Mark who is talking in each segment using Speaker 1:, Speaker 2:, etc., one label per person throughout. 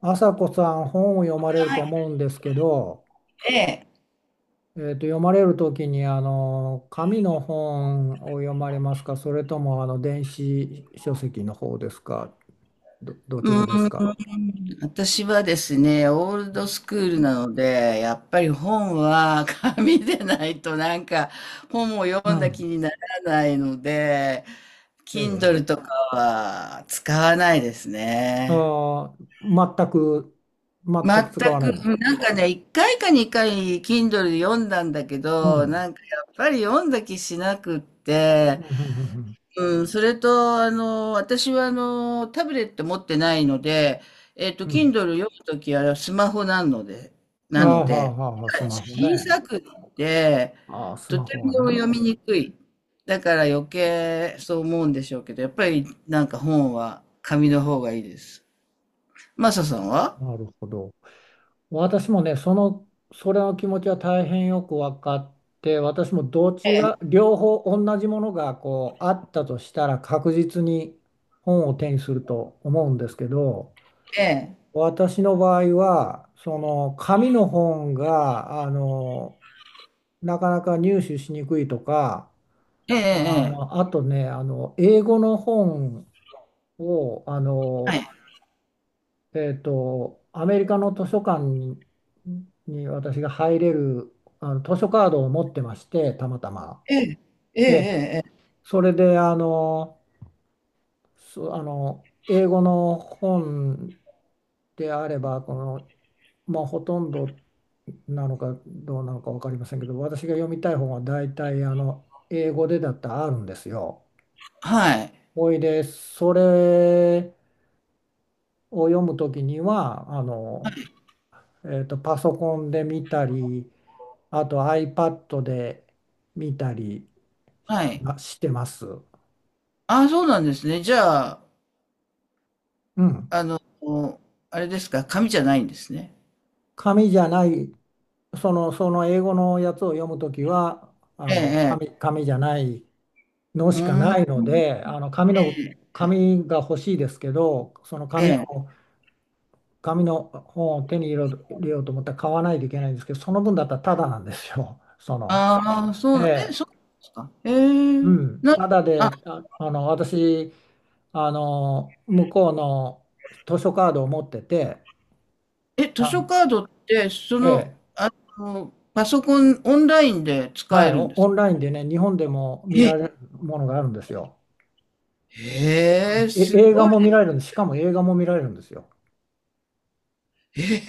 Speaker 1: 朝子さん、本を読まれると思うんですけど、
Speaker 2: ええ、
Speaker 1: 読まれる時に、あの紙の本を読まれますか、それともあの電子書籍の方ですか？どち
Speaker 2: うー
Speaker 1: らですか？
Speaker 2: ん、私はですね、オールドスクールなので、やっぱり本は 紙でないとなんか本を
Speaker 1: う
Speaker 2: 読んだ気
Speaker 1: ん。
Speaker 2: にならないので、
Speaker 1: ええ。
Speaker 2: Kindle
Speaker 1: え
Speaker 2: と
Speaker 1: え。
Speaker 2: かは使わないですね。
Speaker 1: あ全く、使
Speaker 2: 全
Speaker 1: わない
Speaker 2: く、
Speaker 1: んですか？
Speaker 2: なんかね、一回か二回 Kindle で読んだんだけ
Speaker 1: う
Speaker 2: ど、
Speaker 1: ん。
Speaker 2: なんかやっぱり読んだ気しなくっ
Speaker 1: う
Speaker 2: て、
Speaker 1: ん。うん。
Speaker 2: うん、それと、私は、タブレット持ってないので、
Speaker 1: うん。うん。
Speaker 2: Kindle 読むときはスマホなので、
Speaker 1: あ
Speaker 2: なの
Speaker 1: あ、はあ。
Speaker 2: で、
Speaker 1: はあ、スマホね。
Speaker 2: 小さくって、
Speaker 1: ああ、ス
Speaker 2: と
Speaker 1: マ
Speaker 2: て
Speaker 1: ホ
Speaker 2: も
Speaker 1: はね。
Speaker 2: 読みにくい。だから余計そう思うんでしょうけど、やっぱりなんか本は紙の方がいいです。マサさんは。
Speaker 1: なるほど。私もね、その、それの気持ちは大変よく分かって、私もどちら、両方同じものがこうあったとしたら、確実に本を手にすると思うんですけど、
Speaker 2: ええ、
Speaker 1: 私の場合は、その紙の本が、なかなか入手しにくいとか、
Speaker 2: ええ、ええ、
Speaker 1: あとね、英語の本を、
Speaker 2: はい。
Speaker 1: アメリカの図書館に、私が入れるあの図書カードを持ってまして、たまたま。
Speaker 2: ええ、ええ、え
Speaker 1: ええ、
Speaker 2: え、ええ
Speaker 1: それであの英語の本であれば、この、まあ、ほとんどなのかどうなのか分かりませんけど、私が読みたい本は大体あの英語でだったらあるんですよ。
Speaker 2: はい。
Speaker 1: ほいで、それを読むときには、パソコンで見たり、あと iPad で見たり
Speaker 2: はい。
Speaker 1: してます。
Speaker 2: ああ、そうなんですね。じゃあ、
Speaker 1: うん。
Speaker 2: あの、あれですか、紙じゃないんですね。
Speaker 1: 紙じゃない、その、その英語のやつを読むときは、
Speaker 2: ええ、ええ。
Speaker 1: 紙じゃないの
Speaker 2: う
Speaker 1: しかな
Speaker 2: ー
Speaker 1: い
Speaker 2: ん、
Speaker 1: ので、紙が欲しいですけど、
Speaker 2: ええ。
Speaker 1: 紙の本を手に入れよう入れようと思ったら、買わないといけないんですけど、その分だったらタダなんですよ。その、
Speaker 2: ああ、そ
Speaker 1: え
Speaker 2: うな、え、
Speaker 1: え、
Speaker 2: そうなんですか。
Speaker 1: うん。タダ
Speaker 2: あ、
Speaker 1: で、私、向こうの図書カードを持ってて、
Speaker 2: え、図書
Speaker 1: あ、
Speaker 2: カードって、
Speaker 1: ええ、
Speaker 2: パソコン、オンラインで使
Speaker 1: は
Speaker 2: え
Speaker 1: い、
Speaker 2: るんで
Speaker 1: オ
Speaker 2: すか？
Speaker 1: ンラインでね、日本でも見
Speaker 2: え、
Speaker 1: られるものがあるんですよ。う
Speaker 2: へえ、
Speaker 1: ん、
Speaker 2: す
Speaker 1: 映画
Speaker 2: ごい。
Speaker 1: も見られるんです。しかも映画も見られるんですよ。
Speaker 2: ええ、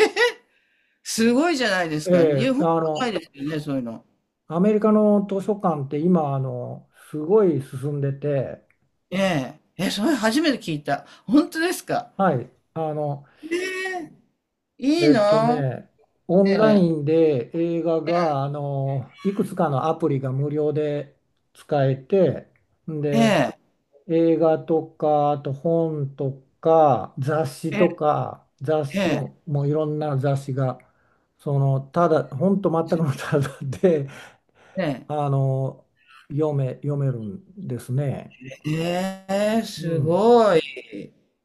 Speaker 2: すごいじゃないです
Speaker 1: え
Speaker 2: か。日
Speaker 1: え、
Speaker 2: 本はないですよね、そういうの。
Speaker 1: アメリカの図書館って今、すごい進んでて、
Speaker 2: ええ、え、それ初めて聞いた。本当ですか。
Speaker 1: はい、
Speaker 2: ええ、いい
Speaker 1: えっと
Speaker 2: な。
Speaker 1: ね、オ
Speaker 2: え
Speaker 1: ンラ
Speaker 2: え、
Speaker 1: インで映画が、いくつかのアプリが無料で使えて、ん
Speaker 2: え
Speaker 1: で、
Speaker 2: え、
Speaker 1: 映画とか、あと本とか、雑誌
Speaker 2: え
Speaker 1: と
Speaker 2: え、
Speaker 1: か、雑
Speaker 2: え
Speaker 1: 誌
Speaker 2: え、
Speaker 1: も、もういろんな雑誌が、その、ただ、本当全くのただで、
Speaker 2: ええ。
Speaker 1: あの、読めるんですね。
Speaker 2: ええ、
Speaker 1: う
Speaker 2: す
Speaker 1: ん。
Speaker 2: ごい。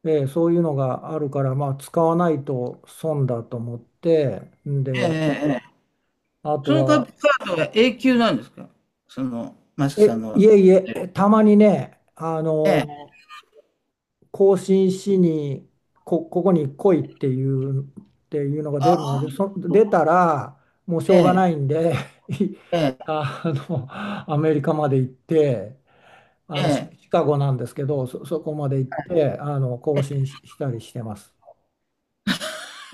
Speaker 1: で、そういうのがあるから、まあ、使わないと損だと思って、ん
Speaker 2: ええ
Speaker 1: で、
Speaker 2: ええ。
Speaker 1: あと
Speaker 2: そのカ
Speaker 1: は、
Speaker 2: カードは永久なんですか？その、マサさんの
Speaker 1: い
Speaker 2: は。
Speaker 1: えいえ、たまにね、
Speaker 2: ええ。
Speaker 1: 更新しにここに来いっていう、のが出
Speaker 2: あ
Speaker 1: るので、
Speaker 2: あ、
Speaker 1: 出たらもうし
Speaker 2: え
Speaker 1: ょうがな
Speaker 2: え、
Speaker 1: いんで
Speaker 2: ええ、
Speaker 1: あアメリカまで行って、あ
Speaker 2: え
Speaker 1: の
Speaker 2: え。
Speaker 1: シカゴなんですけど、そこまで行って、更新したりしてます。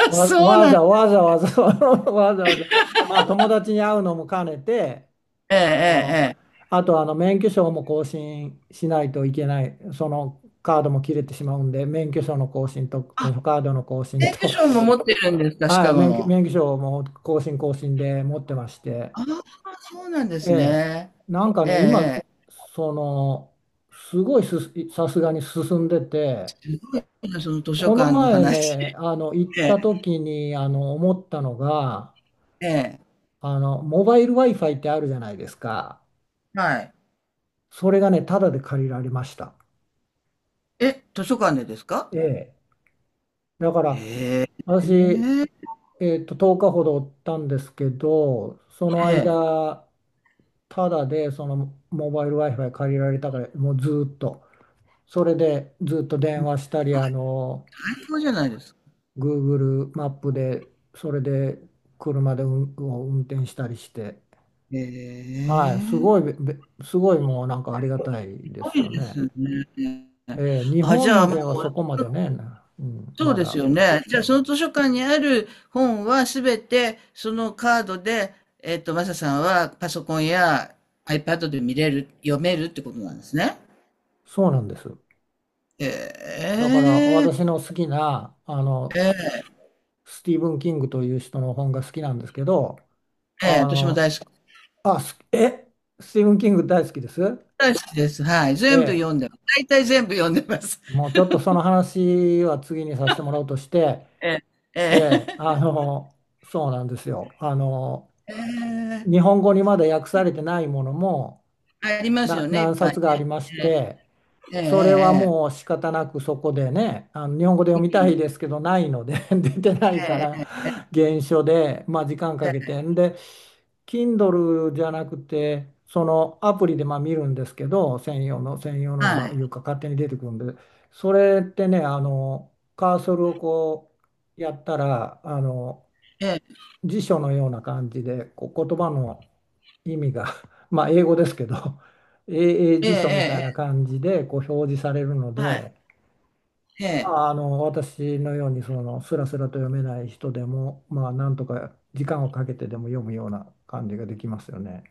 Speaker 2: あ、
Speaker 1: わ、
Speaker 2: そう
Speaker 1: わ
Speaker 2: なん。
Speaker 1: ざわざわざ わざわざ、まあ友達に会うのも兼ねて、
Speaker 2: えええ
Speaker 1: あの、
Speaker 2: えええ。
Speaker 1: あと、あの免許証も更新しないといけない、そのカードも切れてしまうんで、免許証の更新と図
Speaker 2: あ、
Speaker 1: 書カードの更新
Speaker 2: 定期
Speaker 1: と、
Speaker 2: 証も持ってるんです か？シ
Speaker 1: は
Speaker 2: カ
Speaker 1: い、
Speaker 2: ゴの。
Speaker 1: 免許証も更新更新で持ってまして、
Speaker 2: ああ、そうなんで
Speaker 1: え
Speaker 2: す
Speaker 1: え、
Speaker 2: ね。
Speaker 1: なんか
Speaker 2: ええ
Speaker 1: ね、今、
Speaker 2: ええ。
Speaker 1: その、すごいす、さすがに進んでて、
Speaker 2: すごいな、その図書
Speaker 1: この
Speaker 2: 館の
Speaker 1: 前
Speaker 2: 話。
Speaker 1: ね、行っ
Speaker 2: ええ
Speaker 1: た時に、思ったのが、
Speaker 2: ええ。
Speaker 1: モバイル Wi-Fi ってあるじゃないですか。
Speaker 2: はい。
Speaker 1: それがね、タダで借りられました。
Speaker 2: え、図書館でですか？
Speaker 1: ええ。だから、
Speaker 2: へえ。え
Speaker 1: 私、
Speaker 2: え。
Speaker 1: 10日ほどおったんですけど、その
Speaker 2: ええ。
Speaker 1: 間、タダでそのモバイル Wi-Fi 借りられたから、もうずーっと、それでずっと電話したり、
Speaker 2: 最高じゃないですか。
Speaker 1: Google マップで、それで車で運転したりして、
Speaker 2: へ
Speaker 1: はい、
Speaker 2: え、す
Speaker 1: すごい、もうなんかありがたいで
Speaker 2: ご
Speaker 1: すよ
Speaker 2: いです
Speaker 1: ね。
Speaker 2: ね。
Speaker 1: 日
Speaker 2: あ、じゃあ、
Speaker 1: 本
Speaker 2: ま
Speaker 1: では
Speaker 2: あ、
Speaker 1: そこまでね、うん、
Speaker 2: そう
Speaker 1: ま
Speaker 2: です
Speaker 1: だ。
Speaker 2: よね。じゃあ、その図書館にある本はすべて、そのカードで、マサさんはパソコンや iPad で見れる、読めるってことなんですね。
Speaker 1: そうなんです。
Speaker 2: え
Speaker 1: だから
Speaker 2: え、
Speaker 1: 私の好きなあのスティーブン・キングという人の本が好きなんですけど、
Speaker 2: え
Speaker 1: あ
Speaker 2: え、私も大
Speaker 1: の、
Speaker 2: 好き。
Speaker 1: あ、すえ、スティーブン・キング大好きです。
Speaker 2: 大好きです。はい。
Speaker 1: え
Speaker 2: 全部読ん
Speaker 1: え、
Speaker 2: でます。大体全部読んでます。
Speaker 1: もうちょっとその話は次にさせてもらうとして、
Speaker 2: え
Speaker 1: え
Speaker 2: え、
Speaker 1: え、
Speaker 2: え
Speaker 1: そうなんですよ。
Speaker 2: え、ええ
Speaker 1: 日本語にまだ訳されてないものも
Speaker 2: ありますよね、いっ
Speaker 1: 何
Speaker 2: ぱい
Speaker 1: 冊があ
Speaker 2: ね。
Speaker 1: りまして、
Speaker 2: ええ、
Speaker 1: それは
Speaker 2: え
Speaker 1: もう
Speaker 2: え、
Speaker 1: 仕方なくそこでね、あの日本語で
Speaker 2: え
Speaker 1: 読み
Speaker 2: えう
Speaker 1: たい
Speaker 2: ん
Speaker 1: ですけどないので 出てないか
Speaker 2: え
Speaker 1: ら
Speaker 2: え、
Speaker 1: 原書で、まあ、時間か
Speaker 2: え
Speaker 1: けて
Speaker 2: え
Speaker 1: んで、 Kindle じゃなくてそのアプリでまあ見るんですけど、専用の専用のが
Speaker 2: は
Speaker 1: まあい
Speaker 2: い。
Speaker 1: うか勝手に出てくるんで、それってね、あのカーソルをこうやったら、あの辞書のような感じで、こう言葉の意味が まあ英語ですけど 英英
Speaker 2: ええ
Speaker 1: 辞
Speaker 2: ええ
Speaker 1: 書みたいな
Speaker 2: ええ、
Speaker 1: 感じでこう表示されるの
Speaker 2: はい、
Speaker 1: で、
Speaker 2: え
Speaker 1: ま
Speaker 2: え。
Speaker 1: あ、あの私のようにそのスラスラと読めない人でも、まあ、なんとか時間をかけてでも読むような感じができますよね。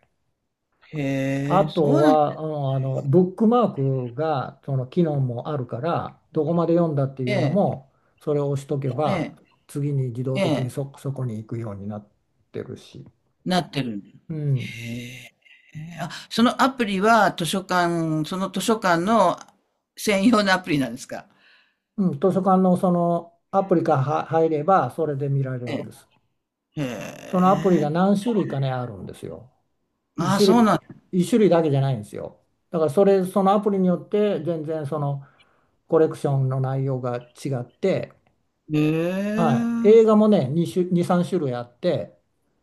Speaker 2: へ
Speaker 1: あ
Speaker 2: え、そ
Speaker 1: と
Speaker 2: うなん。
Speaker 1: は、うん、あのブックマークがその機能もあるから、どこまで読んだってい
Speaker 2: え
Speaker 1: うの
Speaker 2: え、
Speaker 1: もそれを押しとけば
Speaker 2: え
Speaker 1: 次に自
Speaker 2: え、
Speaker 1: 動
Speaker 2: え
Speaker 1: 的に
Speaker 2: え、
Speaker 1: そこに行くようになってるし。
Speaker 2: なってるんだ。
Speaker 1: うん、
Speaker 2: へえ。あ、そのアプリは図書館その図書館の専用のアプリなんですか？
Speaker 1: うん、図書館のそのアプリからは入れば、それで見られるん
Speaker 2: え
Speaker 1: です。
Speaker 2: え。
Speaker 1: その
Speaker 2: へ
Speaker 1: アプリが
Speaker 2: え。
Speaker 1: 何種類かね、あるんですよ。一
Speaker 2: ああ、
Speaker 1: 種
Speaker 2: そう
Speaker 1: 類、
Speaker 2: なんだ。
Speaker 1: 一種類だけじゃないんですよ。だからそのアプリによって、全然そのコレクションの内容が違って、
Speaker 2: へえ。
Speaker 1: はい、映画もね、2、3種類あって、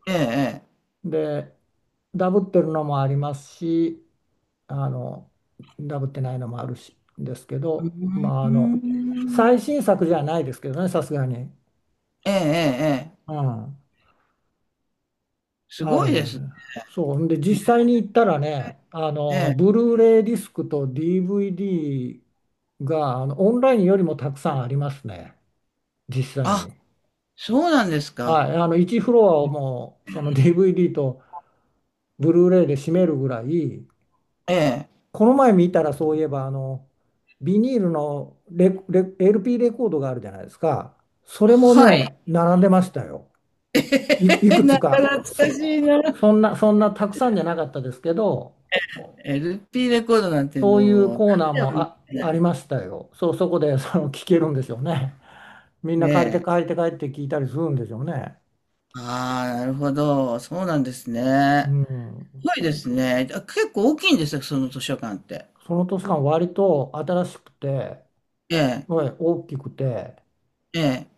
Speaker 2: ええええ。
Speaker 1: で、ダブってるのもありますし、あの、ダブってないのもあるし、ですけ
Speaker 2: う
Speaker 1: ど、
Speaker 2: ー
Speaker 1: まあ、
Speaker 2: ん。
Speaker 1: 最新作じゃないですけどね、さすがに。
Speaker 2: ええええええ。
Speaker 1: うん、
Speaker 2: す
Speaker 1: あ
Speaker 2: ご
Speaker 1: る
Speaker 2: い
Speaker 1: ん
Speaker 2: で
Speaker 1: で
Speaker 2: す
Speaker 1: す
Speaker 2: ね。
Speaker 1: ね。そう。んで、実際に行ったらね、
Speaker 2: ええ。
Speaker 1: ブルーレイディスクと DVD が、オンラインよりもたくさんありますね。実際
Speaker 2: あ、
Speaker 1: に。
Speaker 2: そうなんですか。
Speaker 1: はい。1フロアをもう、その DVD とブルーレイで占めるぐらい。
Speaker 2: ええ。
Speaker 1: この前見たらそういえば、ビニールのLP レコードがあるじゃないですか。それも
Speaker 2: はい。
Speaker 1: ね、並んでましたよ。い
Speaker 2: え、
Speaker 1: く
Speaker 2: な
Speaker 1: つ
Speaker 2: か
Speaker 1: か。
Speaker 2: 懐かしいな。
Speaker 1: そんなたくさんじゃなかったですけど、
Speaker 2: LP レコードなんて
Speaker 1: そういう
Speaker 2: もう、
Speaker 1: コーナー
Speaker 2: 何年
Speaker 1: も
Speaker 2: も見
Speaker 1: あり
Speaker 2: て
Speaker 1: ましたよ。そう、そこで その聞けるんでしょうね。みんな借りて
Speaker 2: ね。
Speaker 1: 借りて帰って聞いたりするんでしょうね。
Speaker 2: ああ、なるほど。そうなんです
Speaker 1: う
Speaker 2: ね。す
Speaker 1: ん。
Speaker 2: ごいですね。あ、結構大きいんですよ、その図書館って。
Speaker 1: その図書館割と新しくて、
Speaker 2: ええ、
Speaker 1: はい、大きくて、
Speaker 2: ええ、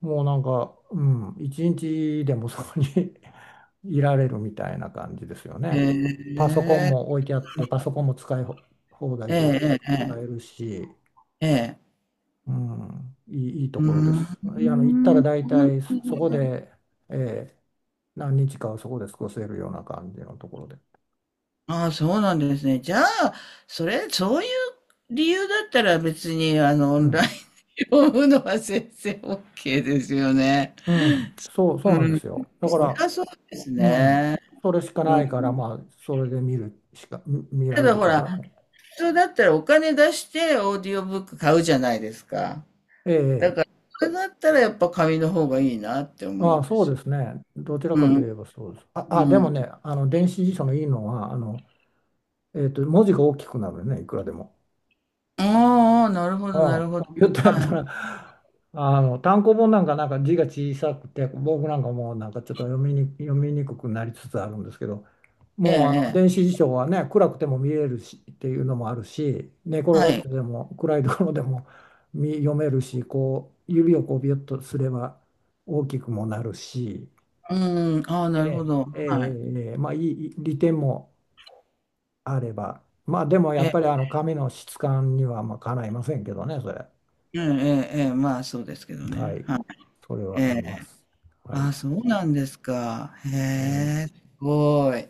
Speaker 1: もうなんか、うん、一日でもそこに いられるみたいな感じですよ
Speaker 2: え
Speaker 1: ね。パソコンも
Speaker 2: え、
Speaker 1: 置いてあって、パソコンも使い放
Speaker 2: え
Speaker 1: 題で
Speaker 2: え、ええ、え
Speaker 1: 使え
Speaker 2: え。
Speaker 1: るし、
Speaker 2: ええ
Speaker 1: うん、いいと
Speaker 2: うー
Speaker 1: ころです。いや、行ったら
Speaker 2: ん。
Speaker 1: 大体そこで、えー何日かはそこで過ごせるような感じのところで。
Speaker 2: ああ、そうなんですね。じゃあ、それ、そういう理由だったら別に、オ
Speaker 1: う
Speaker 2: ンライン
Speaker 1: ん。
Speaker 2: で読むのは先生 OK ですよね。
Speaker 1: うん。そう
Speaker 2: う
Speaker 1: なんで
Speaker 2: ん。
Speaker 1: すよ。だか
Speaker 2: そり
Speaker 1: ら、
Speaker 2: ゃそうです
Speaker 1: うん。
Speaker 2: ね。
Speaker 1: それしか
Speaker 2: う
Speaker 1: な
Speaker 2: ん。
Speaker 1: いから、まあ、それで見るしか、見ら
Speaker 2: た
Speaker 1: れ
Speaker 2: だ
Speaker 1: る
Speaker 2: ほ
Speaker 1: か
Speaker 2: ら、
Speaker 1: らね。
Speaker 2: 普通だったらお金出してオーディオブック買うじゃないですか。
Speaker 1: え
Speaker 2: だ
Speaker 1: え。
Speaker 2: から、それだったらやっぱ紙の方がいいなって思う
Speaker 1: ああ、
Speaker 2: んで
Speaker 1: そう
Speaker 2: すよ。
Speaker 1: ですね。どちら
Speaker 2: う
Speaker 1: かとい
Speaker 2: ん。
Speaker 1: えばそうです。で
Speaker 2: う
Speaker 1: も
Speaker 2: ん。
Speaker 1: ね、電子辞書のいいのは、文字が大きくなるね、いくらでも。
Speaker 2: ああ、なるほ
Speaker 1: う
Speaker 2: ど、なる
Speaker 1: ん、
Speaker 2: ほど。
Speaker 1: コンピューターやった
Speaker 2: は
Speaker 1: ら、単行本なんか字が小さくて、僕なんかもうなんかちょっと読みにくくなりつつあるんですけど、
Speaker 2: い。ええ、
Speaker 1: もうあの
Speaker 2: え
Speaker 1: 電子
Speaker 2: え。
Speaker 1: 辞書はね、暗くても見えるしっていうのもあるし、寝転
Speaker 2: は
Speaker 1: がって
Speaker 2: い。
Speaker 1: でも暗いところでも読めるし、こう指をこうビュッとすれば大きくもなるし、
Speaker 2: うん、ああ、
Speaker 1: え
Speaker 2: なるほ
Speaker 1: え、
Speaker 2: ど。
Speaker 1: ええ、
Speaker 2: はい。
Speaker 1: ええ、まあいい利点もあれば、まあでもやっ
Speaker 2: え、
Speaker 1: ぱりあの紙の質感にはまあかないませんけどね、それ。
Speaker 2: ええ、ええ、ええ、まあそうですけど
Speaker 1: は
Speaker 2: ね。
Speaker 1: い。
Speaker 2: はい。
Speaker 1: それ
Speaker 2: え
Speaker 1: はあり
Speaker 2: え。
Speaker 1: ます。は
Speaker 2: あ
Speaker 1: い。
Speaker 2: あ、そうなんですか。へ
Speaker 1: はい。
Speaker 2: え、すごい。